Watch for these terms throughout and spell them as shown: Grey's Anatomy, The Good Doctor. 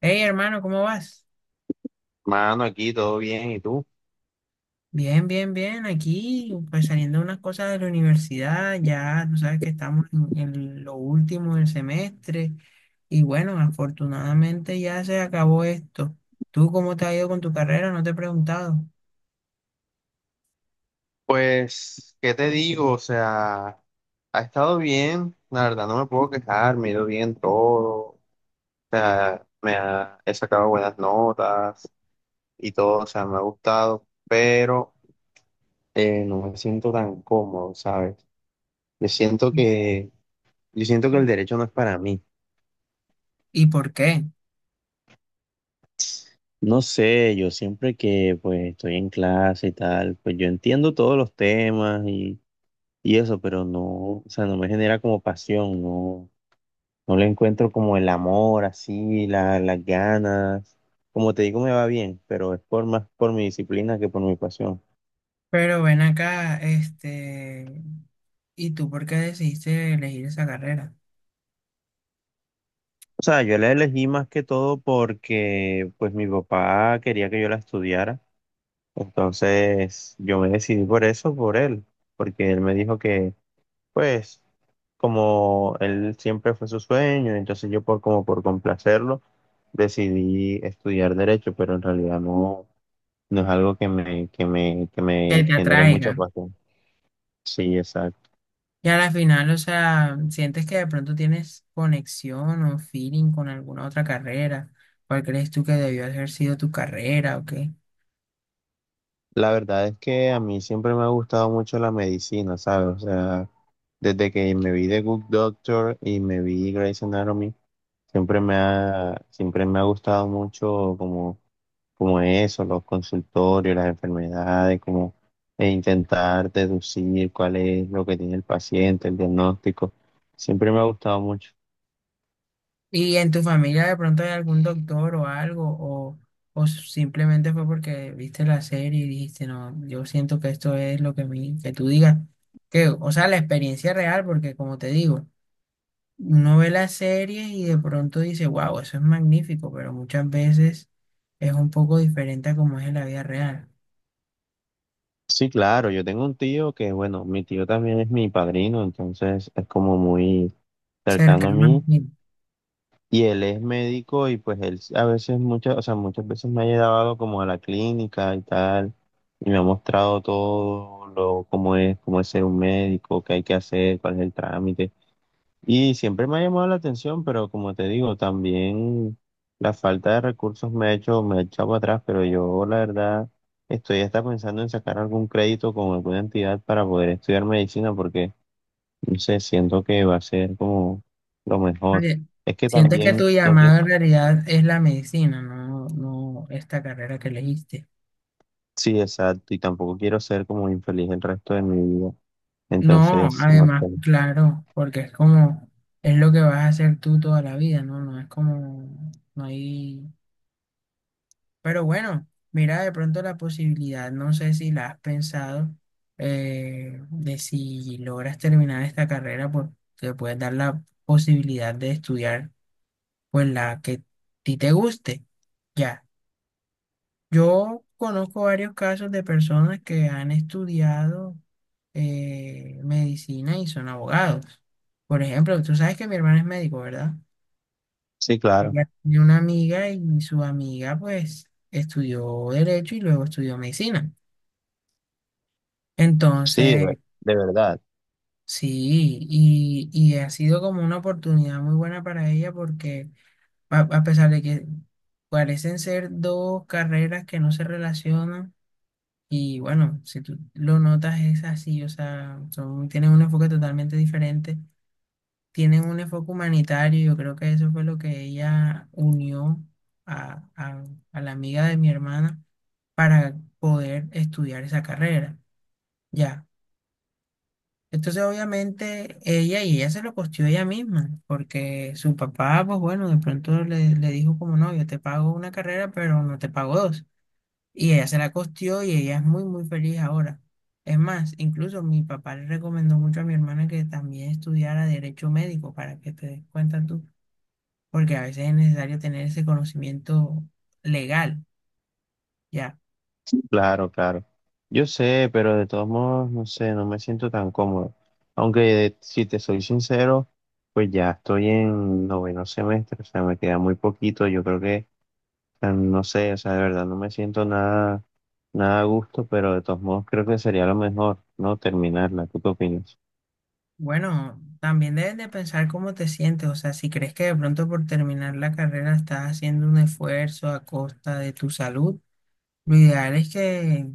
Hey, hermano, ¿cómo vas? Mano, aquí todo bien, ¿y tú? Bien, bien, bien. Aquí, pues saliendo unas cosas de la universidad, ya tú sabes que estamos en lo último del semestre y bueno, afortunadamente ya se acabó esto. ¿Tú cómo te ha ido con tu carrera? No te he preguntado. Pues, ¿qué te digo? O sea, ha estado bien, la verdad no me puedo quejar, me ha ido bien todo, o sea, he sacado buenas notas y todo, o sea, me ha gustado, pero no me siento tan cómodo, ¿sabes? Yo siento ¿Y que, yo siento que el derecho no es para mí. y por qué? No sé, yo siempre que pues estoy en clase y tal, pues yo entiendo todos los temas y eso, pero no, o sea, no me genera como pasión, no. No le encuentro como el amor, así, las ganas. Como te digo, me va bien, pero es por más por mi disciplina que por mi pasión. Pero ven acá, este, ¿y tú por qué decidiste elegir esa carrera? O sea, yo la elegí más que todo porque pues mi papá quería que yo la estudiara. Entonces yo me decidí por eso, por él, porque él me dijo que pues como él siempre fue su sueño, entonces yo por como por complacerlo decidí estudiar derecho, pero en realidad no. No es algo que me, que me, que Que me te genere atraiga. mucha pasión. Sí, exacto. Y a la final, o sea, sientes que de pronto tienes conexión o feeling con alguna otra carrera. ¿Cuál crees tú que debió haber sido tu carrera o qué? La verdad es que a mí siempre me ha gustado mucho la medicina, ¿sabes? O sea, desde que me vi The Good Doctor y me vi Grey's Anatomy, siempre me ha gustado mucho como, como eso, los consultorios, las enfermedades, como e intentar deducir cuál es lo que tiene el paciente, el diagnóstico. Siempre me ha gustado mucho. ¿Y en tu familia de pronto hay algún doctor o algo? O simplemente fue porque viste la serie y dijiste, no, yo siento que esto es lo que, mi, que tú digas? Que, o sea, la experiencia real, porque como te digo, uno ve la serie y de pronto dice, wow, eso es magnífico, pero muchas veces es un poco diferente a como es en la vida real. Sí, claro, yo tengo un tío que, bueno, mi tío también es mi padrino, entonces es como muy cercano a Cercano al mí fin. y él es médico y pues él a veces muchas veces me ha llevado como a la clínica y tal y me ha mostrado todo lo cómo es ser un médico, qué hay que hacer, cuál es el trámite. Y siempre me ha llamado la atención, pero como te digo, también la falta de recursos me ha hecho, me ha echado para atrás, pero yo la verdad estoy hasta pensando en sacar algún crédito con alguna entidad para poder estudiar medicina, porque no sé, siento que va a ser como lo mejor. Oye, Es que sientes que tu también no quiero, llamado en realidad es la medicina, no, no esta carrera que elegiste. sí, exacto, y tampoco quiero ser como infeliz el resto de mi vida. No, Entonces, no sé. además, claro, porque es como, es lo que vas a hacer tú toda la vida, ¿no? No es como, no hay... Pero bueno, mira de pronto la posibilidad, no sé si la has pensado, de si logras terminar esta carrera, pues te puedes dar la posibilidad de estudiar, pues la que a ti te guste. Ya. Yo conozco varios casos de personas que han estudiado medicina y son abogados. Por ejemplo, tú sabes que mi hermana es médico, ¿verdad? Sí, claro. Ella tiene una amiga y su amiga pues estudió derecho y luego estudió medicina. Sí, Entonces, de verdad. sí, y ha sido como una oportunidad muy buena para ella porque a pesar de que parecen ser dos carreras que no se relacionan, y bueno, si tú lo notas es así, o sea, son, tienen un enfoque totalmente diferente, tienen un enfoque humanitario, yo creo que eso fue lo que ella unió a, a- a la amiga de mi hermana para poder estudiar esa carrera, ya. Entonces, obviamente, ella se lo costeó ella misma, porque su papá, pues bueno, de pronto le dijo como, no, yo te pago una carrera, pero no te pago dos. Y ella se la costeó y ella es muy, muy feliz ahora. Es más, incluso mi papá le recomendó mucho a mi hermana que también estudiara derecho médico para que te des cuenta tú, porque a veces es necesario tener ese conocimiento legal, ya. Claro, claro. Yo sé, pero de todos modos, no sé, no me siento tan cómodo. Aunque si te soy sincero, pues ya estoy en noveno semestre, o sea, me queda muy poquito. Yo creo que, o sea, no sé, o sea, de verdad no me siento nada a gusto, pero de todos modos creo que sería lo mejor, ¿no? Terminarla. ¿Tú qué opinas? Bueno, también debes de pensar cómo te sientes, o sea, si crees que de pronto por terminar la carrera estás haciendo un esfuerzo a costa de tu salud, lo ideal es que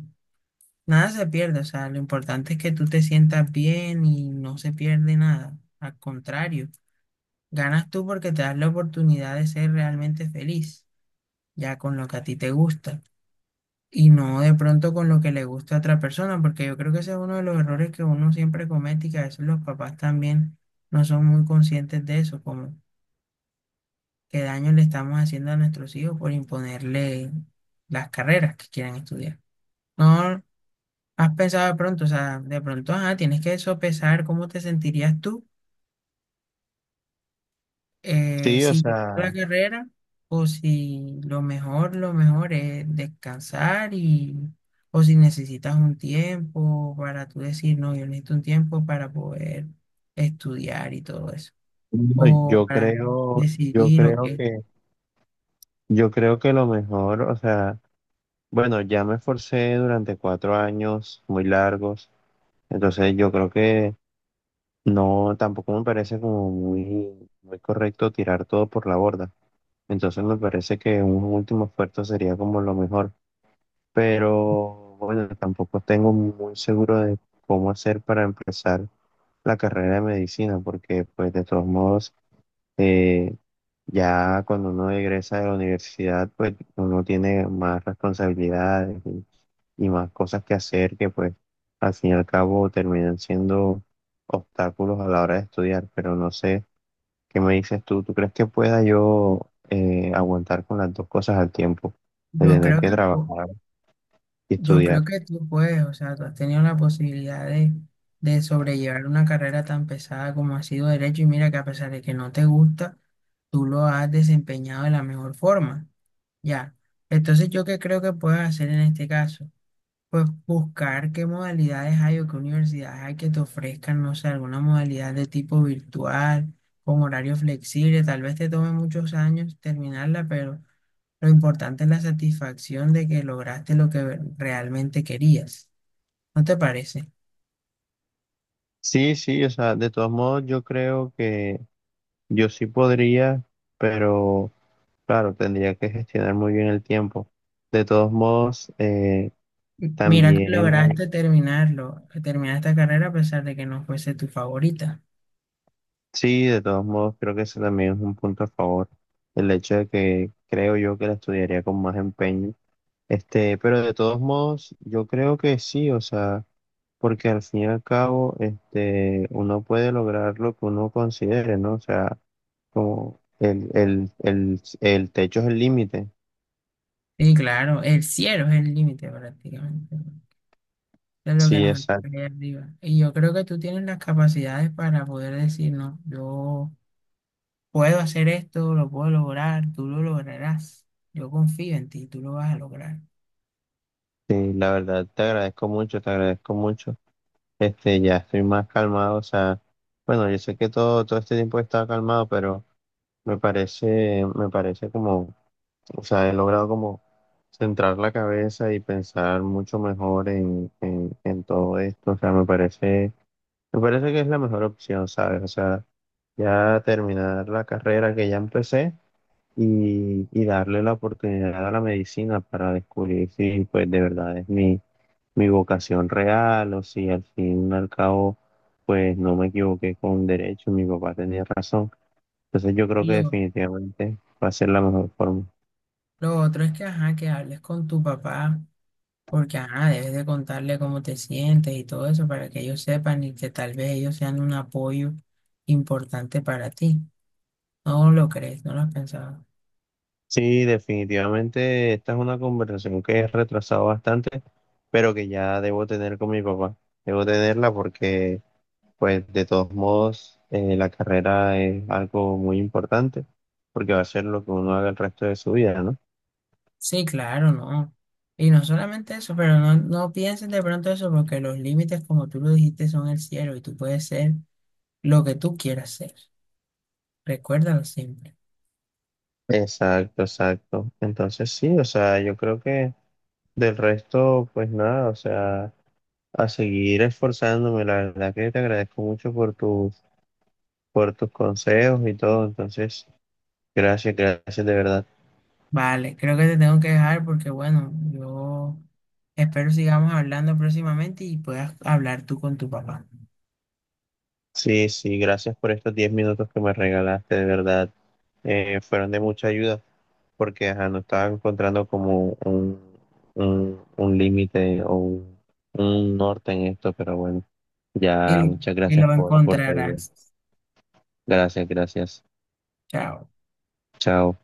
nada se pierda, o sea, lo importante es que tú te sientas bien y no se pierde nada, al contrario. Ganas tú porque te das la oportunidad de ser realmente feliz, ya con lo que a ti te gusta, y no de pronto con lo que le gusta a otra persona, porque yo creo que ese es uno de los errores que uno siempre comete y que a veces los papás también no son muy conscientes de eso, como qué daño le estamos haciendo a nuestros hijos por imponerle las carreras que quieran estudiar. No has pensado de pronto, o sea, de pronto, ajá, tienes que sopesar cómo te sentirías tú Sí, o si la sea, carrera o si lo mejor, lo mejor es descansar y o si necesitas un tiempo para tú decir, no, yo necesito un tiempo para poder estudiar y todo eso, no, o para decidir o qué. Yo creo que lo mejor, o sea, bueno, ya me esforcé durante cuatro años muy largos. Entonces yo creo que no, tampoco me parece como muy, muy correcto tirar todo por la borda. Entonces me parece que un último esfuerzo sería como lo mejor. Pero bueno, tampoco tengo muy seguro de cómo hacer para empezar la carrera de medicina, porque pues de todos modos, eh, ya cuando uno egresa de la universidad, pues uno tiene más responsabilidades y más cosas que hacer que pues al fin y al cabo terminan siendo obstáculos a la hora de estudiar. Pero no sé, ¿qué me dices tú? ¿Tú crees que pueda yo aguantar con las dos cosas al tiempo? De Yo tener creo que que po- trabajar y yo creo estudiar. que tú puedes, o sea, tú has tenido la posibilidad de sobrellevar una carrera tan pesada como ha sido derecho y mira que a pesar de que no te gusta, tú lo has desempeñado de la mejor forma. Ya. Entonces, ¿yo qué creo que puedes hacer en este caso? Pues buscar qué modalidades hay o qué universidades hay que te ofrezcan, no sé, alguna modalidad de tipo virtual, con horario flexible. Tal vez te tome muchos años terminarla, pero lo importante es la satisfacción de que lograste lo que realmente querías. ¿No te parece? Sí, sí, o sea, de todos modos yo creo que yo sí podría, pero... Claro, tendría que gestionar muy bien el tiempo. De todos modos, Mira que también, lograste terminarlo, terminar esta carrera a pesar de que no fuese tu favorita. sí, de todos modos, creo que ese también es un punto a favor. El hecho de que creo yo que la estudiaría con más empeño. Este, pero de todos modos, yo creo que sí, o sea, porque al fin y al cabo, este, uno puede lograr lo que uno considere, ¿no? O sea, como el techo es el límite. Sí, claro, el cielo es el límite prácticamente, ¿no? De lo que Sí, nos exacto. espera ahí arriba. Y yo creo que tú tienes las capacidades para poder decir, no, yo puedo hacer esto, lo puedo lograr, tú lo lograrás. Yo confío en ti, tú lo vas a lograr. Sí, la verdad, te agradezco mucho, te agradezco mucho. Este, ya estoy más calmado, o sea, bueno, yo sé que todo este tiempo he estado calmado, pero me parece como, o sea, he logrado como centrar la cabeza y pensar mucho mejor en, en todo esto, o sea, me parece que es la mejor opción, ¿sabes? O sea, ya terminar la carrera que ya empecé y darle la oportunidad a la medicina para descubrir si pues de verdad es mi, mi vocación real o si al fin y al cabo pues no me equivoqué con derecho, mi papá tenía razón. Entonces yo creo Y que lo, definitivamente va a ser la mejor forma. lo otro es que, ajá, que hables con tu papá, porque, ajá, debes de contarle cómo te sientes y todo eso para que ellos sepan y que tal vez ellos sean un apoyo importante para ti. ¿No lo crees? ¿No lo has pensado? Sí, definitivamente esta es una conversación que he retrasado bastante, pero que ya debo tener con mi papá. Debo tenerla porque pues de todos modos, la carrera es algo muy importante porque va a ser lo que uno haga el resto de su vida, ¿no? Sí, claro, no. Y no solamente eso, pero no, no pienses de pronto eso porque los límites, como tú lo dijiste, son el cielo y tú puedes ser lo que tú quieras ser. Recuérdalo siempre. Exacto, exacto. Entonces sí, o sea, yo creo que del resto, pues nada, o sea, a seguir esforzándome. La verdad que te agradezco mucho por tus consejos y todo. Entonces, gracias, gracias de verdad. Vale, creo que te tengo que dejar porque, bueno, yo espero sigamos hablando próximamente y puedas hablar tú con tu papá. Sí, sí, gracias por estos 10 minutos que me regalaste, de verdad. Fueron de mucha ayuda. Porque ajá, no estaba encontrando como un límite o un norte en esto, pero bueno, ya Y, muchas y gracias lo por tu ayuda. encontrarás. Gracias, gracias. Chao. Chao.